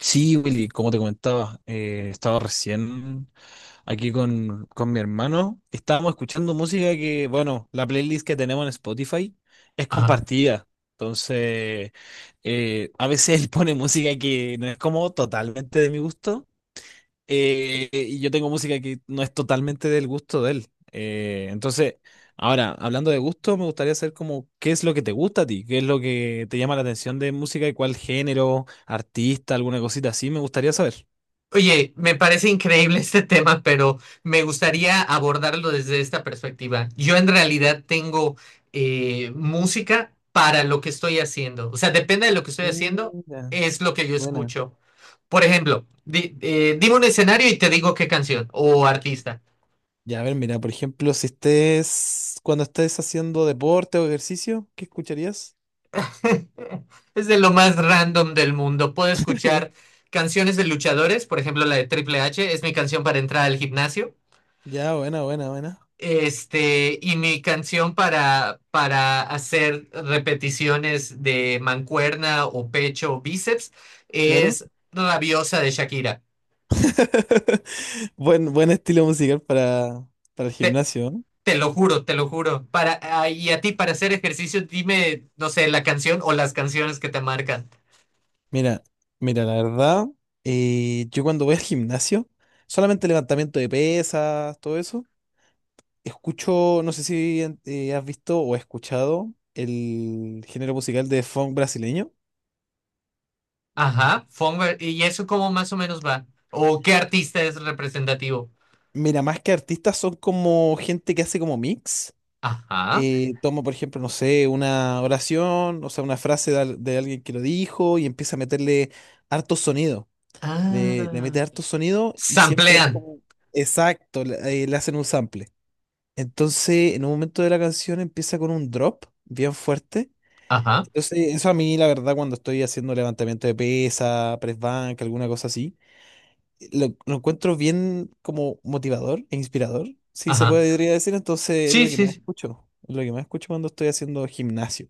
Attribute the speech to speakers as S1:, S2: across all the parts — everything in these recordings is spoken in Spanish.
S1: Sí, Willy, como te comentaba, estaba recién aquí con mi hermano. Estábamos escuchando música que, bueno, la playlist que tenemos en Spotify es
S2: Ajá.
S1: compartida. Entonces, a veces él pone música que no es como totalmente de mi gusto. Y yo tengo música que no es totalmente del gusto de él. Entonces, ahora, hablando de gusto, me gustaría saber como qué es lo que te gusta a ti, qué es lo que te llama la atención de música y cuál género, artista, alguna cosita así, me gustaría saber.
S2: Oye, me parece increíble este tema, pero me gustaría abordarlo desde esta perspectiva. Yo en realidad tengo música para lo que estoy haciendo. O sea, depende de lo que estoy haciendo,
S1: Mira,
S2: es lo que yo
S1: buena.
S2: escucho. Por ejemplo, dime un escenario y te digo qué canción o artista.
S1: Ya, a ver, mira, por ejemplo, si estés, cuando estés haciendo deporte o ejercicio, ¿qué escucharías?
S2: Es de lo más random del mundo. Puedo escuchar canciones de luchadores, por ejemplo, la de Triple H es mi canción para entrar al gimnasio.
S1: Ya, buena, buena, buena.
S2: Este, y mi canción para hacer repeticiones de mancuerna o pecho o bíceps
S1: Claro.
S2: es Rabiosa de Shakira.
S1: Buen, buen estilo musical para el
S2: Te,
S1: gimnasio, ¿eh?
S2: te lo juro, te lo juro. Para, ah, y a ti, para hacer ejercicio, dime, no sé, la canción o las canciones que te marcan.
S1: Mira, mira, la verdad, yo cuando voy al gimnasio, solamente levantamiento de pesas, todo eso, escucho, no sé si has visto o escuchado el género musical de funk brasileño.
S2: Ajá, Fonver, ¿y eso cómo más o menos va? ¿O qué artista es representativo?
S1: Mira, más que artistas son como gente que hace como mix.
S2: Ajá.
S1: Toma, por ejemplo, no sé, una oración, o sea, una frase de, al- de alguien que lo dijo y empieza a meterle harto sonido. Le
S2: Ah,
S1: mete harto sonido y siempre hay
S2: samplean.
S1: como... Exacto, le le hacen un sample. Entonces, en un momento de la canción empieza con un drop bien fuerte.
S2: Ajá,
S1: Entonces, eso a mí, la verdad, cuando estoy haciendo levantamiento de pesa, press bank, alguna cosa así, lo encuentro bien como motivador e inspirador, si se
S2: ajá.
S1: podría decir. Entonces, es
S2: Sí,
S1: lo que
S2: sí,
S1: más
S2: sí.
S1: escucho. Es lo que más escucho cuando estoy haciendo gimnasio.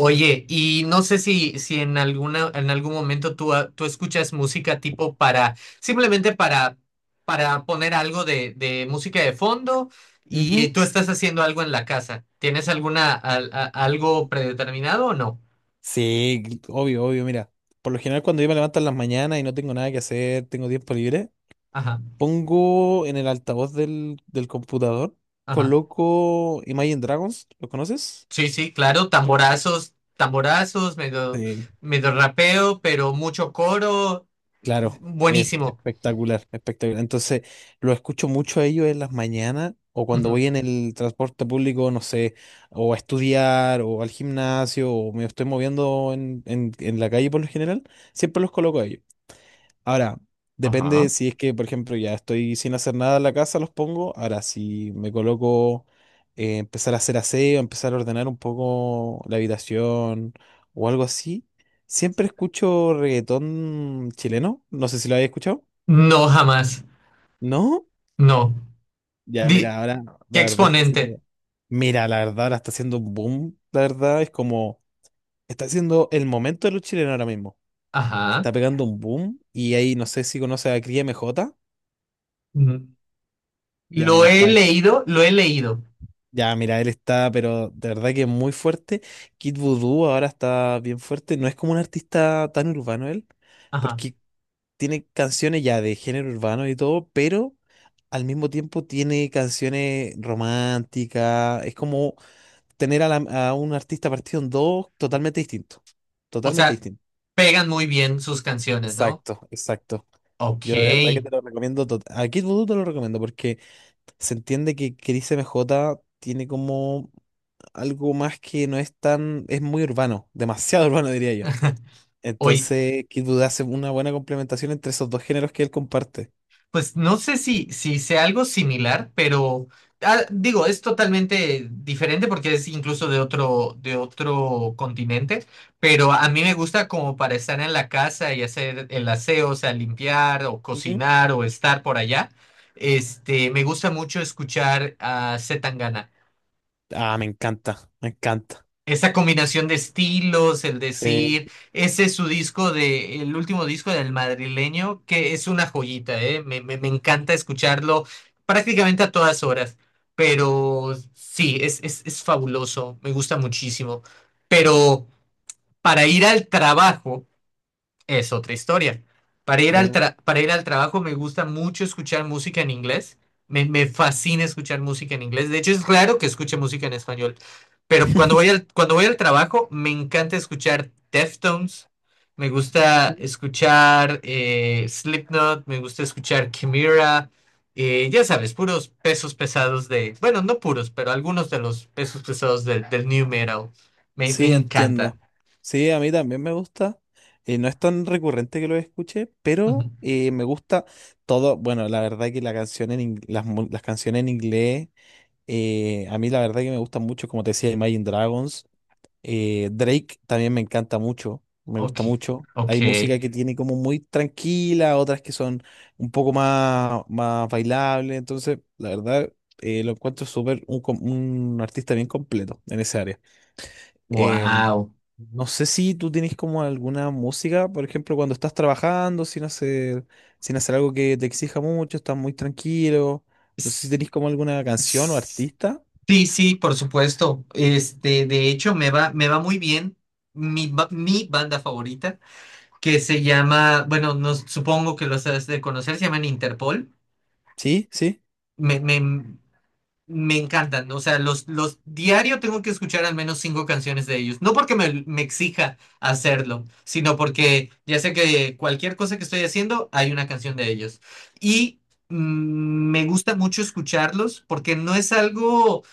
S2: Oye, y no sé si en en algún momento tú, ah, tú escuchas música tipo para, simplemente para poner algo de música de fondo y
S1: Ujú.
S2: tú estás haciendo algo en la casa. ¿Tienes alguna, algo predeterminado o no?
S1: Sí, obvio, obvio, mira. Por lo general, cuando yo me levanto en las mañanas y no tengo nada que hacer, tengo tiempo libre,
S2: Ajá,
S1: pongo en el altavoz del computador,
S2: ajá.
S1: coloco Imagine Dragons, ¿lo conoces?
S2: Sí, sí, claro, tamborazos, tamborazos, medio,
S1: Sí,
S2: medio rapeo, pero mucho coro.
S1: claro, es
S2: Buenísimo.
S1: espectacular, espectacular. Entonces, lo escucho mucho a ellos en las mañanas o cuando
S2: Ujú.
S1: voy en el transporte público, no sé, o a estudiar o al gimnasio o me estoy moviendo en la calle por lo general, siempre los coloco a ellos. Ahora, depende
S2: Ajá.
S1: si es que, por ejemplo, ya estoy sin hacer nada en la casa, los pongo. Ahora, si me coloco empezar a hacer aseo, empezar a ordenar un poco la habitación o algo así, siempre escucho reggaetón chileno. No sé si lo habéis escuchado.
S2: No, jamás.
S1: ¿No?
S2: No.
S1: Ya,
S2: Di-
S1: mira, ahora la
S2: ¿Qué
S1: verdad está
S2: exponente?
S1: haciendo. Mira, la verdad ahora está haciendo un boom. La verdad es como. Está haciendo el momento de los chilenos ahora mismo.
S2: Ajá.
S1: Está pegando un boom y ahí no sé si conoce a Cría M J.
S2: Ujú.
S1: Ya,
S2: Lo
S1: mira,
S2: he
S1: está.
S2: leído, lo he leído.
S1: Ya, mira, él está, pero de verdad que es muy fuerte. Kid Voodoo ahora está bien fuerte. No es como un artista tan urbano él,
S2: Ajá.
S1: porque tiene canciones ya de género urbano y todo, pero al mismo tiempo tiene canciones románticas. Es como tener a, la- a un artista partido en dos totalmente distinto.
S2: O
S1: Totalmente
S2: sea,
S1: distinto.
S2: pegan muy bien sus canciones, ¿no?
S1: Exacto, exacto. Yo de verdad que
S2: Ok.
S1: te lo recomiendo. Tot- A Kid Voodoo te lo recomiendo porque se entiende que Chris M J tiene como algo más que no es tan, es muy urbano, demasiado urbano diría yo.
S2: Oye,
S1: Entonces, Kid Voodoo hace una buena complementación entre esos dos géneros que él comparte.
S2: pues no sé si sea algo similar, pero ah, digo, es totalmente diferente porque es incluso de de otro continente, pero a mí me gusta como para estar en la casa y hacer el aseo, o sea, limpiar o
S1: Ujú.
S2: cocinar o estar por allá. Este, me gusta mucho escuchar a C.
S1: Ah, me encanta, me encanta.
S2: Esa combinación de estilos, el
S1: Sí,
S2: decir, ese es su disco de, el último disco del madrileño, que es una joyita, ¿eh? Me encanta escucharlo prácticamente a todas horas, pero sí, es fabuloso, me gusta muchísimo. Pero para ir al trabajo es otra historia. Para ir al
S1: claro.
S2: para ir al trabajo me gusta mucho escuchar música en inglés. Me fascina escuchar música en inglés. De hecho, es raro que escuche música en español. Pero cuando voy al trabajo, me encanta escuchar Deftones. Me gusta escuchar Slipknot. Me gusta escuchar Chimera. Ya sabes, puros pesos pesados de... Bueno, no puros, pero algunos de los pesos pesados del new metal. Me
S1: Sí,
S2: encanta.
S1: entiendo. Sí, a mí también me gusta. No es tan recurrente que lo escuche,
S2: Ujú.
S1: pero me gusta todo. Bueno, la verdad que la canción en ing- las, mu- las canciones en inglés, a mí la verdad que me gustan mucho, como te decía, Imagine Dragons. Drake también me encanta mucho, me
S2: Ok,
S1: gusta mucho.
S2: ok.
S1: Hay música que tiene como muy tranquila, otras que son un poco más, más bailables. Entonces, la verdad, lo encuentro súper un, com- un artista bien completo en esa área. Em,
S2: Wow.
S1: no sé si tú tienes como alguna música, por ejemplo, cuando estás trabajando sin hacer, sin hacer algo que te exija mucho, estás muy tranquilo. No sé si
S2: S-
S1: tenés como alguna canción o
S2: s-
S1: artista.
S2: Sí, sí, por supuesto. Este, de hecho, me va muy bien mi banda favorita, que se llama, bueno, no, supongo que los has de conocer, se llaman Interpol.
S1: Sí, sí.
S2: Me, me, Me encantan, o sea, los diario tengo que escuchar al menos 5 canciones de ellos. No porque me exija hacerlo, sino porque ya sé que cualquier cosa que estoy haciendo hay una canción de ellos. Y mm, me gusta mucho escucharlos porque no es algo,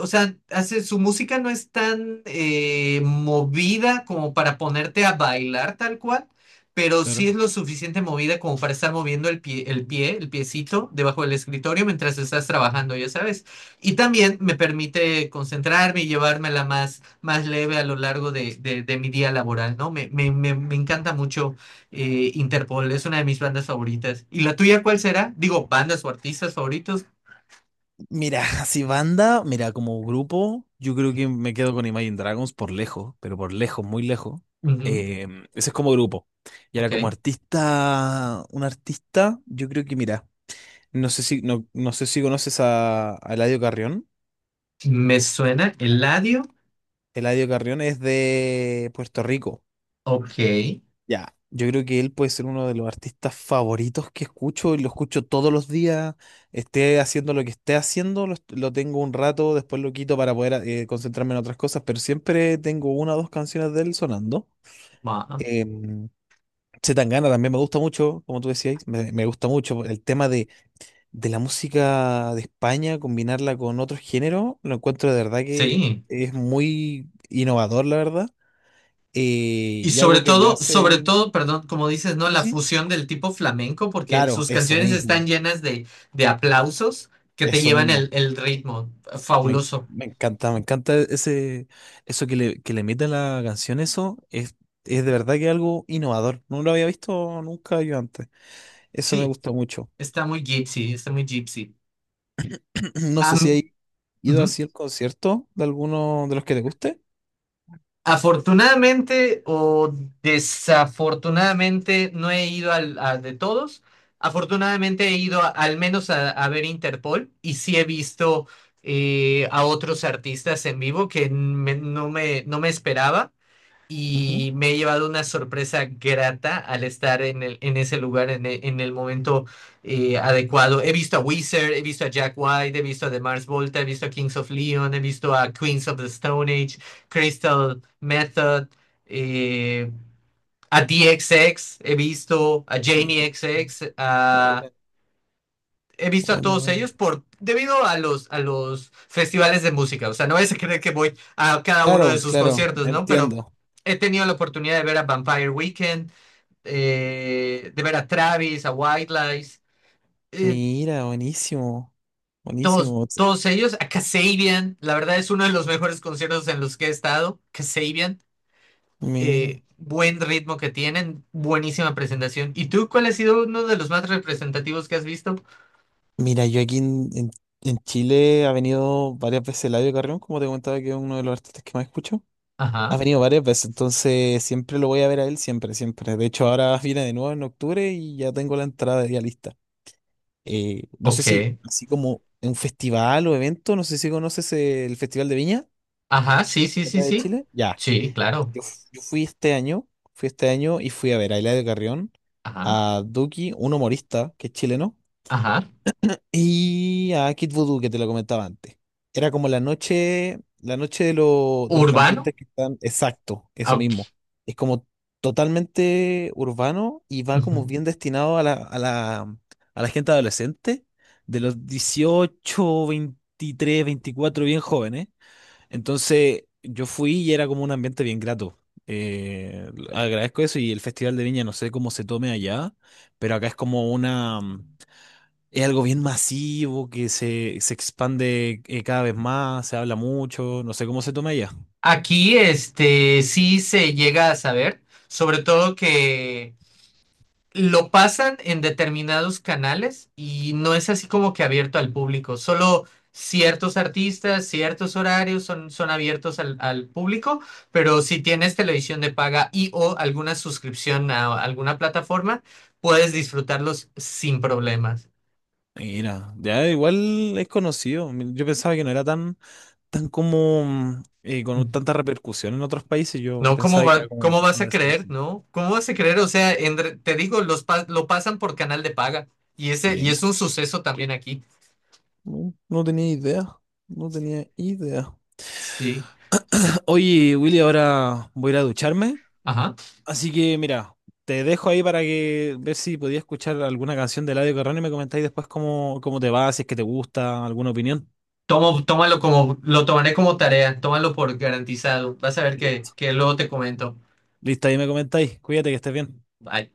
S2: o sea, hace, su música no es tan movida como para ponerte a bailar tal cual, pero sí
S1: Claro.
S2: es lo suficiente movida como para estar moviendo el pie, el pie, el piecito debajo del escritorio mientras estás trabajando, ya sabes. Y también me permite concentrarme y llevármela más, más leve a lo largo de mi día laboral, ¿no? Me encanta mucho Interpol, es una de mis bandas favoritas. ¿Y la tuya cuál será? Digo, bandas o artistas favoritos.
S1: Mira, así banda, mira, como grupo, yo creo que me quedo con Imagine Dragons por lejos, pero por lejos, muy lejos.
S2: Ujú,
S1: Ese es como grupo. Y ahora
S2: ok.
S1: como artista, un artista, yo creo que mira, no sé si, no, no sé si conoces a Eladio Carrión.
S2: Me suena Eladio.
S1: Eladio Carrión es de Puerto Rico.
S2: Ok.
S1: Ya. Yo creo que él puede ser uno de los artistas favoritos que escucho y lo escucho todos los días. Esté haciendo lo que esté haciendo, lo, est- lo tengo un rato, después lo quito para poder concentrarme en otras cosas, pero siempre tengo una o dos canciones de él sonando.
S2: Va.
S1: Em, C. Tangana también me gusta mucho, como tú decías, me gusta mucho. El tema de la música de España, combinarla con otros géneros, lo encuentro de verdad que
S2: Sí.
S1: es muy innovador, la verdad.
S2: Y
S1: Y algo que me
S2: sobre
S1: hace...
S2: todo, perdón, como dices, ¿no?
S1: Sí,
S2: La
S1: sí.
S2: fusión del tipo flamenco, porque
S1: Claro,
S2: sus
S1: eso
S2: canciones están
S1: mismo,
S2: llenas de aplausos que te
S1: eso
S2: llevan
S1: mismo.
S2: el ritmo. Fabuloso.
S1: Me encanta, me encanta ese, eso que le mete a la canción, eso es de verdad que algo innovador. No lo había visto nunca yo antes. Eso me
S2: Sí,
S1: gusta mucho.
S2: está muy gypsy, está muy gypsy.
S1: No sé si
S2: Am-
S1: hay ido
S2: ujú.
S1: así el concierto de alguno de los que te guste.
S2: Afortunadamente o desafortunadamente no he ido a de todos. Afortunadamente he ido al menos a ver Interpol y sí he visto a otros artistas en vivo que no me esperaba.
S1: Ujú.
S2: Y me he llevado una sorpresa grata al estar en el, en ese lugar en el momento adecuado. He visto a Wizard, he visto a Jack White, he visto a The Mars Volta, he visto a Kings of Leon, he visto a Queens of the Stone Age, Crystal Method, eh, a DXX, he visto a Jamie
S1: Y-
S2: XX, a
S1: Buena,
S2: he visto a
S1: buena,
S2: todos
S1: buena.
S2: ellos por debido a los festivales de música. O sea, no es a creer que voy a cada uno de
S1: Claro,
S2: sus
S1: claro,
S2: conciertos, ¿no? Pero
S1: entiendo.
S2: he tenido la oportunidad de ver a Vampire Weekend, de ver a Travis, a White Lies, eh,
S1: Mira, buenísimo,
S2: todos,
S1: buenísimo.
S2: todos ellos, a Kasabian. La verdad es uno de los mejores conciertos en los que he estado. Kasabian,
S1: Mira,
S2: buen ritmo que tienen, buenísima presentación. ¿Y tú cuál ha sido uno de los más representativos que has visto?
S1: mira, yo aquí en Chile ha venido varias veces Eladio Carrión, como te comentaba que es uno de los artistas que más escucho. Ha
S2: Ajá,
S1: venido varias veces, entonces siempre lo voy a ver a él, siempre, siempre. De hecho, ahora viene de nuevo en octubre y ya tengo la entrada ya lista. No sé si,
S2: ok.
S1: así como en un festival o evento, no sé si conoces el Festival de Viña,
S2: Ajá, sí, sí, sí,
S1: acá de
S2: sí.
S1: Chile. Ya,
S2: Sí, claro.
S1: yo, f- yo fui este año y fui a ver a Eladio Carrión,
S2: Ajá,
S1: a Duki, un humorista que es chileno.
S2: ajá.
S1: Y a Kid Voodoo, que te lo comentaba antes. Era como la noche de, lo- de los
S2: Urbano.
S1: cantantes que están. Exacto,
S2: Ah,
S1: eso
S2: ok,
S1: mismo. Es como totalmente urbano y va como
S2: ujú.
S1: bien destinado a la gente adolescente, de los 18, 23, 24 bien jóvenes. Entonces yo fui y era como un ambiente bien grato. Agradezco eso y el Festival de Viña no sé cómo se tome allá, pero acá es como una. Es algo bien masivo se expande cada vez más, se habla mucho, no sé cómo se toma ella.
S2: Aquí, este, sí se llega a saber, sobre todo que lo pasan en determinados canales y no es así como que abierto al público. Solo ciertos artistas, ciertos horarios son, son abiertos al, al público, pero si tienes televisión de paga y o alguna suscripción a alguna plataforma, puedes disfrutarlos sin problemas.
S1: Mira, ya igual es conocido. Yo pensaba que no era tan, tan como con tanta repercusión en otros países. Yo
S2: No, ¿cómo
S1: pensaba que
S2: va,
S1: era como
S2: cómo vas
S1: pasado
S2: a
S1: de esa.
S2: creer, no? ¿Cómo vas a creer? O sea, te digo, los lo pasan por canal de paga y ese y es
S1: Mira,
S2: un suceso también aquí.
S1: no, no tenía idea, no tenía idea.
S2: Sí,
S1: Oye, Willy, ahora voy a ir a ducharme.
S2: ajá.
S1: Así que mira, te dejo ahí para que ver si podías escuchar alguna canción de Eladio Carrón y me comentáis después cómo, cómo te va, si es que te gusta, alguna opinión.
S2: Tomo, tómalo como, lo tomaré como tarea, tómalo por garantizado. Vas a ver
S1: Listo.
S2: que luego te comento.
S1: Listo, ahí me comentáis. Cuídate que estés bien.
S2: Bye.